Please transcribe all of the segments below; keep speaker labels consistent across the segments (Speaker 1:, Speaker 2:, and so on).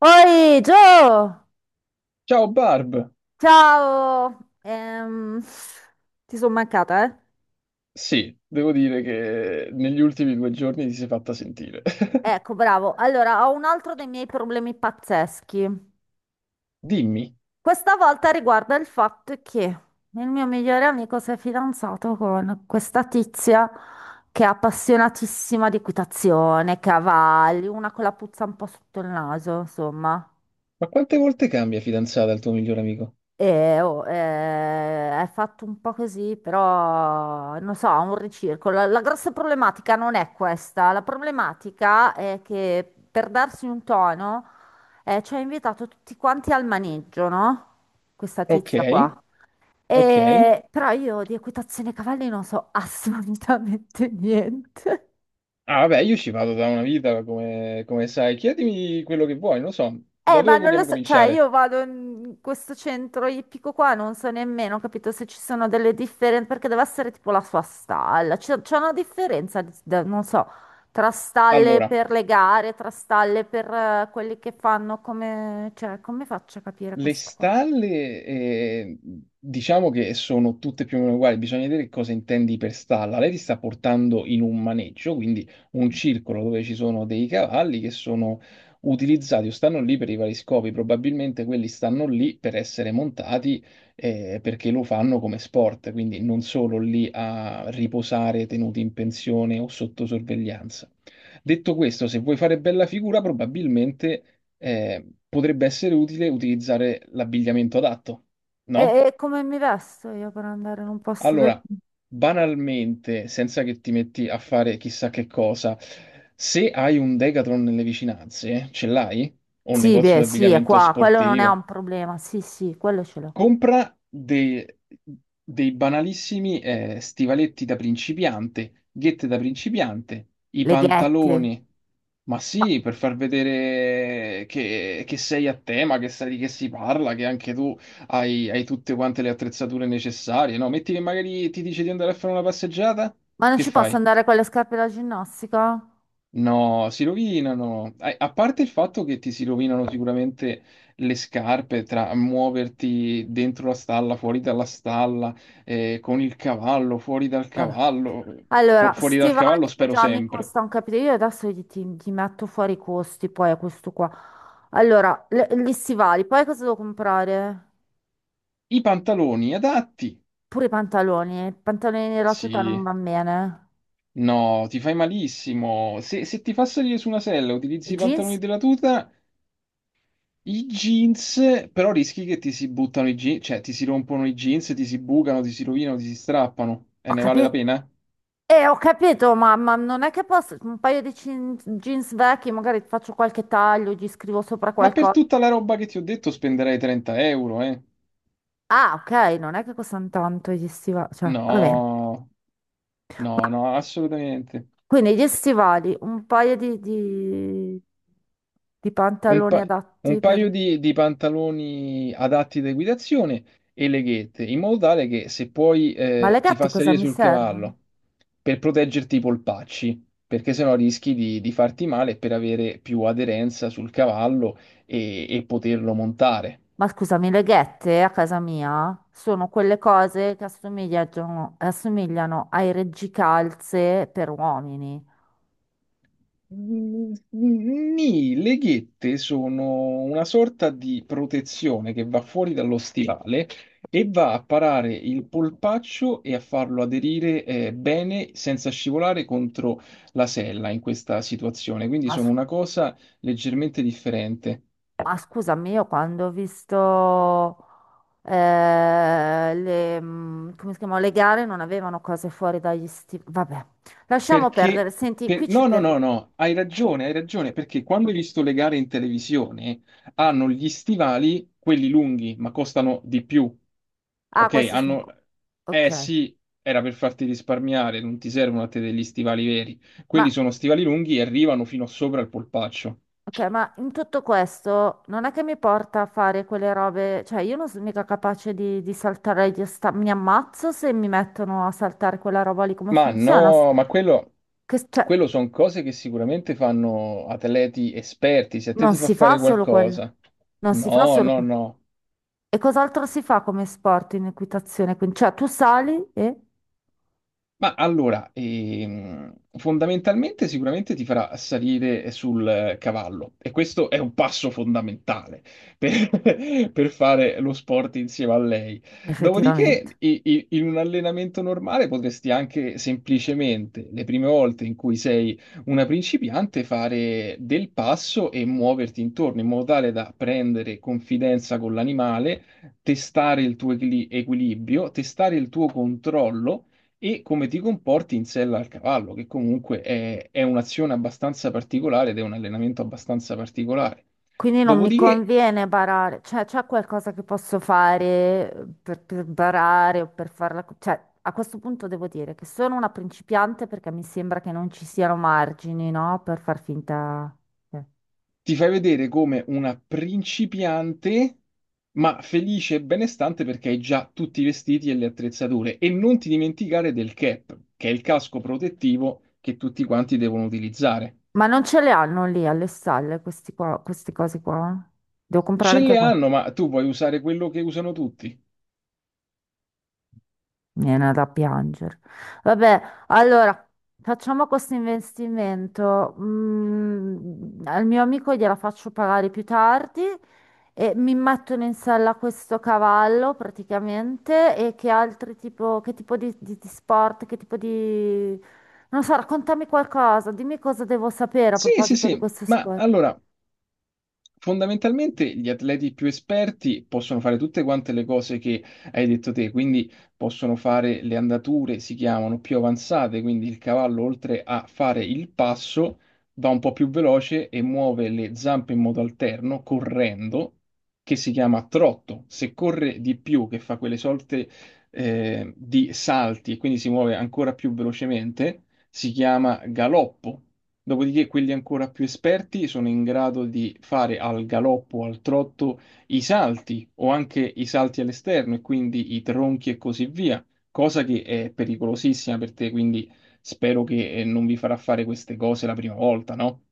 Speaker 1: Oi, Gio!
Speaker 2: Ciao Barb!
Speaker 1: Ciao! Ehm, ti sono mancata, eh?
Speaker 2: Sì, devo dire che negli ultimi due giorni ti sei fatta sentire.
Speaker 1: Ecco, bravo. Allora, ho un altro dei miei problemi pazzeschi.
Speaker 2: Dimmi,
Speaker 1: Questa volta riguarda il fatto che il mio migliore amico si è fidanzato con questa tizia che è appassionatissima di equitazione, cavalli, una con la puzza un po' sotto il naso, insomma.
Speaker 2: ma quante volte cambia fidanzata il tuo migliore amico?
Speaker 1: E, oh, è fatto un po' così, però non so, ha un ricircolo. La grossa problematica non è questa. La problematica è che per darsi un tono ci ha invitato tutti quanti al maneggio, no? Questa
Speaker 2: Ok,
Speaker 1: tizia qua.
Speaker 2: ok.
Speaker 1: E però io di equitazione cavalli non so assolutamente niente.
Speaker 2: Ah, vabbè, io ci vado da una vita, come sai. Chiedimi quello che vuoi, non so. Da
Speaker 1: Ma
Speaker 2: dove
Speaker 1: non lo
Speaker 2: vogliamo
Speaker 1: so, cioè
Speaker 2: cominciare?
Speaker 1: io vado in questo centro ippico qua, non so nemmeno, capito, se ci sono delle differenze, perché deve essere tipo la sua stalla, c'è una differenza, non so, tra stalle
Speaker 2: Allora,
Speaker 1: per le gare, tra stalle per quelli che fanno come, cioè, come faccio a capire
Speaker 2: le
Speaker 1: questa cosa?
Speaker 2: stalle, diciamo che sono tutte più o meno uguali, bisogna vedere che cosa intendi per stalla. Lei ti sta portando in un maneggio, quindi un circolo dove ci sono dei cavalli che sono utilizzati o stanno lì per i vari scopi. Probabilmente quelli stanno lì per essere montati, perché lo fanno come sport, quindi non solo lì a riposare tenuti in pensione o sotto sorveglianza. Detto questo, se vuoi fare bella figura, probabilmente potrebbe essere utile utilizzare l'abbigliamento adatto, no?
Speaker 1: E come mi vesto io per andare in un posto del...
Speaker 2: Allora, banalmente, senza che ti metti a fare chissà che cosa, se hai un Decathlon nelle vicinanze, ce l'hai? O un
Speaker 1: Sì,
Speaker 2: negozio
Speaker 1: beh,
Speaker 2: di
Speaker 1: sì, è
Speaker 2: abbigliamento
Speaker 1: qua, quello non è un
Speaker 2: sportivo?
Speaker 1: problema, sì, sì, quello ce l'ho.
Speaker 2: Compra dei banalissimi stivaletti da principiante, ghette da principiante, i
Speaker 1: Le ghette.
Speaker 2: pantaloni. Ma
Speaker 1: No,
Speaker 2: sì, per far vedere che sei a tema, che sai di che si parla, che anche tu hai tutte quante le attrezzature necessarie, no? Metti che magari ti dice di andare a fare una passeggiata,
Speaker 1: ma non
Speaker 2: che
Speaker 1: ci posso
Speaker 2: fai?
Speaker 1: andare con le scarpe da ginnastica?
Speaker 2: No, si rovinano. A parte il fatto che ti si rovinano sicuramente le scarpe tra muoverti dentro la stalla, fuori dalla stalla, con il cavallo, fuori dal
Speaker 1: Vabbè.
Speaker 2: cavallo,
Speaker 1: Allora,
Speaker 2: fuori dal
Speaker 1: stivali
Speaker 2: cavallo
Speaker 1: che
Speaker 2: spero
Speaker 1: già mi
Speaker 2: sempre.
Speaker 1: costa un capitolo, io adesso ti, ti metto fuori i costi poi a questo qua. Allora, gli stivali, poi cosa devo comprare?
Speaker 2: I pantaloni adatti?
Speaker 1: Pure i pantaloni e la tuta non
Speaker 2: Sì.
Speaker 1: vanno bene.
Speaker 2: No, ti fai malissimo. Se ti fa salire su una sella,
Speaker 1: I
Speaker 2: utilizzi i pantaloni
Speaker 1: jeans?
Speaker 2: della tuta, i jeans, però rischi che ti si buttano i jeans, cioè ti si rompono i jeans, ti si bucano, ti si rovinano, ti si strappano. E
Speaker 1: Ho
Speaker 2: ne vale la
Speaker 1: capito,
Speaker 2: pena?
Speaker 1: ho capito, ma non è che posso, un paio di jeans vecchi, magari faccio qualche taglio, gli scrivo sopra
Speaker 2: Ma per
Speaker 1: qualcosa.
Speaker 2: tutta la roba che ti ho detto spenderei 30 euro, eh?
Speaker 1: Ah, ok, non è che costano tanto gli stivali, cioè, va bene.
Speaker 2: No, no, no, assolutamente.
Speaker 1: Quindi gli stivali, un paio di, di
Speaker 2: Un,
Speaker 1: pantaloni
Speaker 2: pa- un
Speaker 1: adatti
Speaker 2: paio
Speaker 1: per...
Speaker 2: di pantaloni adatti da equitazione e leghette, in modo tale che se puoi
Speaker 1: Ma le
Speaker 2: ti
Speaker 1: ghette
Speaker 2: fa
Speaker 1: cosa
Speaker 2: salire
Speaker 1: mi
Speaker 2: sul
Speaker 1: servono?
Speaker 2: cavallo per proteggerti i polpacci, perché sennò rischi di farti male per avere più aderenza sul cavallo e poterlo montare.
Speaker 1: Ma scusami, le ghette a casa mia sono quelle cose che assomigliano ai reggicalze per uomini.
Speaker 2: Mm, nì, le ghette sono una sorta di protezione che va fuori dallo stivale e va a parare il polpaccio e a farlo aderire bene senza scivolare contro la sella in questa situazione. Quindi
Speaker 1: Ma,
Speaker 2: sono
Speaker 1: s-
Speaker 2: una cosa leggermente differente.
Speaker 1: ma scusami, io quando ho visto le, mm, come si chiamano, le gare non avevano cose fuori dagli stivali. Vabbè, lasciamo perdere.
Speaker 2: Perché,
Speaker 1: Senti, qui ci
Speaker 2: no, no, no,
Speaker 1: perdiamo.
Speaker 2: no, hai ragione, perché quando hai visto le gare in televisione hanno gli stivali, quelli lunghi, ma costano di più.
Speaker 1: Ah,
Speaker 2: Ok,
Speaker 1: questi sono...
Speaker 2: hanno... Eh
Speaker 1: Ok.
Speaker 2: sì, era per farti risparmiare, non ti servono a te degli stivali veri. Quelli
Speaker 1: Ma,
Speaker 2: sono stivali lunghi e arrivano fino sopra il polpaccio.
Speaker 1: ok, ma in tutto questo non è che mi porta a fare quelle robe, cioè io non sono mica capace di saltare, mi ammazzo se mi mettono a saltare quella roba lì, come
Speaker 2: Ma
Speaker 1: funziona? S-
Speaker 2: no, ma quello,
Speaker 1: Che, cioè,
Speaker 2: quello sono cose che sicuramente fanno atleti esperti. Se a te
Speaker 1: non
Speaker 2: ti fa
Speaker 1: si fa
Speaker 2: fare
Speaker 1: solo quello,
Speaker 2: qualcosa,
Speaker 1: non si fa
Speaker 2: no,
Speaker 1: solo
Speaker 2: no,
Speaker 1: quello.
Speaker 2: no.
Speaker 1: E cos'altro si fa come sport in equitazione? Quindi, cioè tu sali e
Speaker 2: Ma allora, fondamentalmente sicuramente ti farà salire sul cavallo e questo è un passo fondamentale per, per fare lo sport insieme a lei. Dopodiché,
Speaker 1: effettivamente.
Speaker 2: in un allenamento normale potresti anche semplicemente, le prime volte in cui sei una principiante, fare del passo e muoverti intorno in modo tale da prendere confidenza con l'animale, testare il tuo equilibrio, testare il tuo controllo e come ti comporti in sella al cavallo, che comunque è un'azione abbastanza particolare ed è un allenamento abbastanza particolare.
Speaker 1: Quindi non mi
Speaker 2: Dopodiché
Speaker 1: conviene barare, cioè c'è qualcosa che posso fare per barare o per farla... co- Cioè, a questo punto devo dire che sono una principiante perché mi sembra che non ci siano margini, no? Per far finta... eh.
Speaker 2: ti fai vedere come una principiante, ma felice e benestante perché hai già tutti i vestiti e le attrezzature. E non ti dimenticare del cap, che è il casco protettivo che tutti quanti devono utilizzare.
Speaker 1: Ma non ce le hanno lì alle stalle questi qua, queste cose qua? Devo
Speaker 2: Ce
Speaker 1: comprare anche
Speaker 2: le
Speaker 1: qua.
Speaker 2: hanno, ma tu puoi usare quello che usano tutti.
Speaker 1: Mi viene da piangere. Vabbè, allora facciamo questo investimento. Mm, al mio amico gliela faccio pagare più tardi e mi mettono in sella questo cavallo praticamente. E che altri tipo, che tipo di, di sport, che tipo di... Non so, raccontami qualcosa, dimmi cosa devo sapere a
Speaker 2: Sì, sì,
Speaker 1: proposito di
Speaker 2: sì,
Speaker 1: questo
Speaker 2: ma
Speaker 1: sport.
Speaker 2: allora fondamentalmente gli atleti più esperti possono fare tutte quante le cose che hai detto te, quindi possono fare le andature, si chiamano più avanzate, quindi il cavallo oltre a fare il passo va un po' più veloce e muove le zampe in modo alterno, correndo, che si chiama trotto. Se corre di più, che fa quelle sorte di salti e quindi si muove ancora più velocemente, si chiama galoppo. Dopodiché quelli ancora più esperti sono in grado di fare al galoppo o al trotto i salti o anche i salti all'esterno e quindi i tronchi e così via, cosa che è pericolosissima per te, quindi spero che non vi farà fare queste cose la prima volta, no?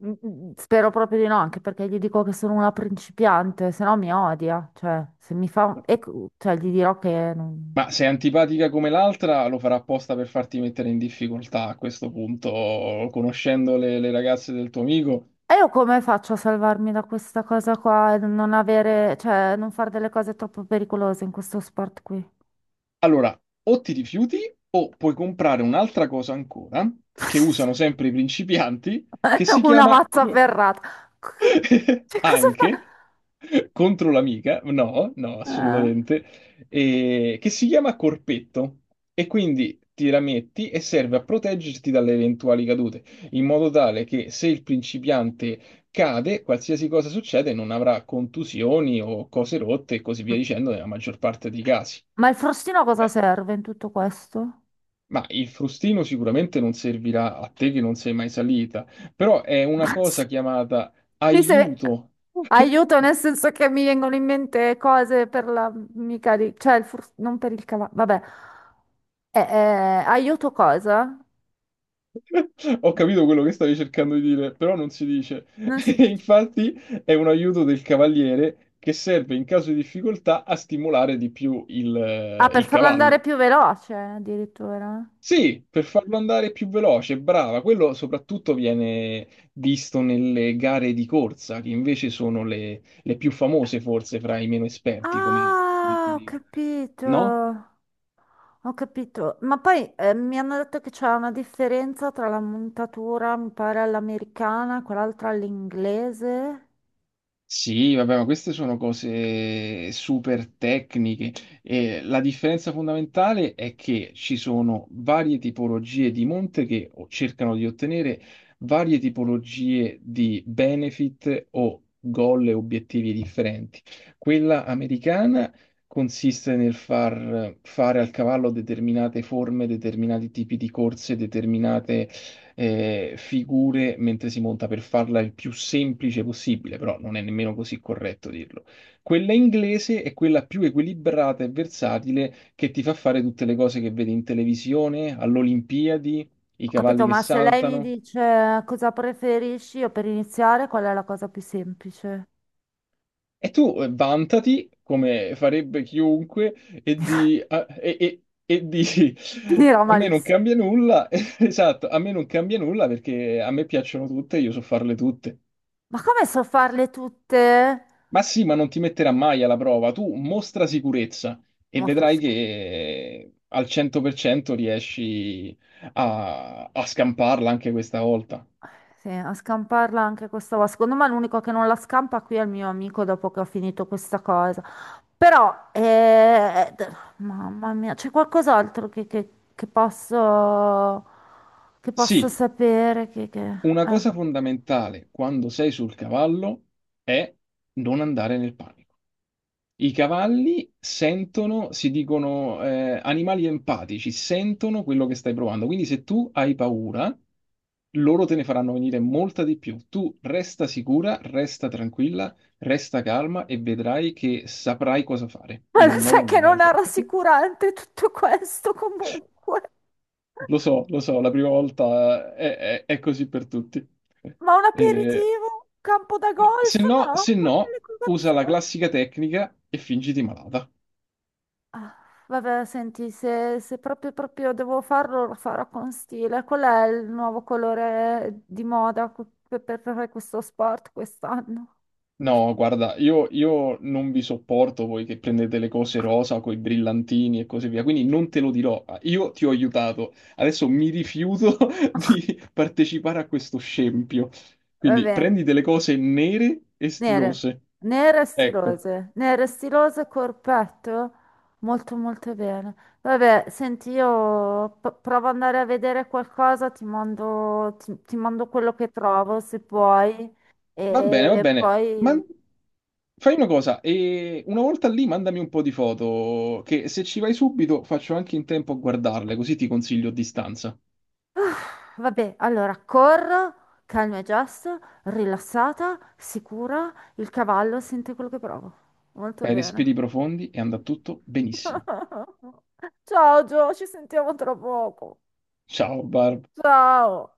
Speaker 1: Mm, mm, mm, spero proprio di no, anche perché gli dico che sono una principiante, se no mi odia. Cioè, se mi fa... E, cioè, gli dirò che... non-
Speaker 2: Ma se è antipatica come l'altra, lo farà apposta per farti mettere in difficoltà a questo punto, conoscendo le ragazze del tuo amico.
Speaker 1: E io come faccio a salvarmi da questa cosa qua e non avere... Cioè, non fare delle cose troppo pericolose in questo sport qui?
Speaker 2: Allora, o ti rifiuti o puoi comprare un'altra cosa ancora che usano sempre i principianti che si
Speaker 1: Una
Speaker 2: chiama
Speaker 1: mazza ferrata. C- Cioè, cosa
Speaker 2: anche contro l'amica, no, no,
Speaker 1: fa?
Speaker 2: assolutamente, che si chiama corpetto e quindi ti la metti e serve a proteggerti dalle eventuali cadute, in modo tale che se il principiante cade, qualsiasi cosa succede, non avrà contusioni o cose rotte e così
Speaker 1: Eh,
Speaker 2: via dicendo nella maggior parte dei casi.
Speaker 1: Ma il frustino a cosa
Speaker 2: Eh,
Speaker 1: serve in tutto questo?
Speaker 2: Ma il frustino sicuramente non servirà a te che non sei mai salita, però è una cosa chiamata
Speaker 1: Mi se-
Speaker 2: aiuto.
Speaker 1: Aiuto nel senso che mi vengono in mente cose per la mica di... cioè il fur- non per il cavallo, vabbè. Aiuto cosa?
Speaker 2: Ho capito quello che stavi cercando di dire, però non si dice.
Speaker 1: Non si
Speaker 2: E
Speaker 1: dice.
Speaker 2: infatti è un aiuto del cavaliere che serve in caso di difficoltà a stimolare di più
Speaker 1: Ah, per
Speaker 2: il
Speaker 1: farlo andare
Speaker 2: cavallo.
Speaker 1: più veloce addirittura.
Speaker 2: Sì, per farlo andare più veloce, brava. Quello soprattutto viene visto nelle gare di corsa, che invece sono le più famose forse fra i meno esperti, come
Speaker 1: Ah, ho
Speaker 2: gare.
Speaker 1: capito,
Speaker 2: No?
Speaker 1: ho capito. Ma poi mi hanno detto che c'è una differenza tra la montatura, mi pare, all'americana e quell'altra all'inglese.
Speaker 2: Sì, vabbè, ma queste sono cose super tecniche e la differenza fondamentale è che ci sono varie tipologie di monte che cercano di ottenere varie tipologie di benefit o goal e obiettivi differenti. Quella americana consiste nel far fare al cavallo determinate forme, determinati tipi di corse, determinate figure mentre si monta per farla il più semplice possibile, però non è nemmeno così corretto dirlo. Quella inglese è quella più equilibrata e versatile che ti fa fare tutte le cose che vedi in televisione, all'Olimpiadi, i
Speaker 1: Ho
Speaker 2: cavalli
Speaker 1: capito,
Speaker 2: che
Speaker 1: ma se lei mi
Speaker 2: saltano.
Speaker 1: dice cosa preferisci, io per iniziare, qual è la cosa più semplice?
Speaker 2: E tu vantati, come farebbe chiunque, e di... a- e dici,
Speaker 1: Finirà
Speaker 2: a me non
Speaker 1: malissimo.
Speaker 2: cambia nulla, esatto, a me non cambia nulla perché a me piacciono tutte, io so farle tutte.
Speaker 1: Ma come so farle tutte?
Speaker 2: Ma sì, ma non ti metterà mai alla prova. Tu mostra sicurezza e
Speaker 1: Molto
Speaker 2: vedrai che
Speaker 1: sc-
Speaker 2: al 100% riesci a scamparla anche questa volta.
Speaker 1: Sì, a scamparla anche questa volta. Secondo me l'unico che non la scampa qui è il mio amico dopo che ho finito questa cosa. Però, d- mamma mia, c'è qualcos'altro che, che posso
Speaker 2: Sì,
Speaker 1: sapere? Che, che...
Speaker 2: una
Speaker 1: eh.
Speaker 2: cosa fondamentale quando sei sul cavallo è non andare nel panico. I cavalli sentono, si dicono animali empatici, sentono quello che stai provando. Quindi se tu hai paura, loro te ne faranno venire molta di più. Tu resta sicura, resta tranquilla, resta calma e vedrai che saprai cosa fare,
Speaker 1: Ma
Speaker 2: in
Speaker 1: lo
Speaker 2: un modo
Speaker 1: sai
Speaker 2: o
Speaker 1: che non è
Speaker 2: nell'altro.
Speaker 1: rassicurante tutto questo comunque.
Speaker 2: Lo so, la prima volta è così per tutti.
Speaker 1: Ma un
Speaker 2: Eh,
Speaker 1: aperitivo? Campo da
Speaker 2: ma se
Speaker 1: golf?
Speaker 2: no,
Speaker 1: No,
Speaker 2: se no,
Speaker 1: proprio le
Speaker 2: usa la
Speaker 1: colazioni.
Speaker 2: classica tecnica e fingiti malata.
Speaker 1: Ah, vabbè, senti, se, se proprio, proprio devo farlo, lo farò con stile. Qual è il nuovo colore di moda per fare questo sport quest'anno?
Speaker 2: No, guarda, io non vi sopporto voi che prendete le cose rosa con i brillantini e così via, quindi non te lo dirò. Ah, io ti ho aiutato, adesso mi rifiuto di partecipare a questo scempio.
Speaker 1: Va
Speaker 2: Quindi
Speaker 1: bene.
Speaker 2: prendi delle cose nere e
Speaker 1: Nere,
Speaker 2: stilose. Ecco,
Speaker 1: nere stilose, corpetto, molto molto bene. Vabbè, senti, io provo ad andare a vedere qualcosa, ti mando, ti mando quello che trovo se puoi.
Speaker 2: va bene, va
Speaker 1: E
Speaker 2: bene. Ma
Speaker 1: poi,
Speaker 2: fai una cosa, e una volta lì mandami un po' di foto, che se ci vai subito faccio anche in tempo a guardarle, così ti consiglio a distanza.
Speaker 1: vabbè, allora corro, calma e gesto, rilassata, sicura, il cavallo sente quello che provo. Molto
Speaker 2: Fai
Speaker 1: bene.
Speaker 2: respiri profondi e andrà tutto benissimo.
Speaker 1: Ciao Gio, ci sentiamo tra poco.
Speaker 2: Ciao Barb.
Speaker 1: Ciao.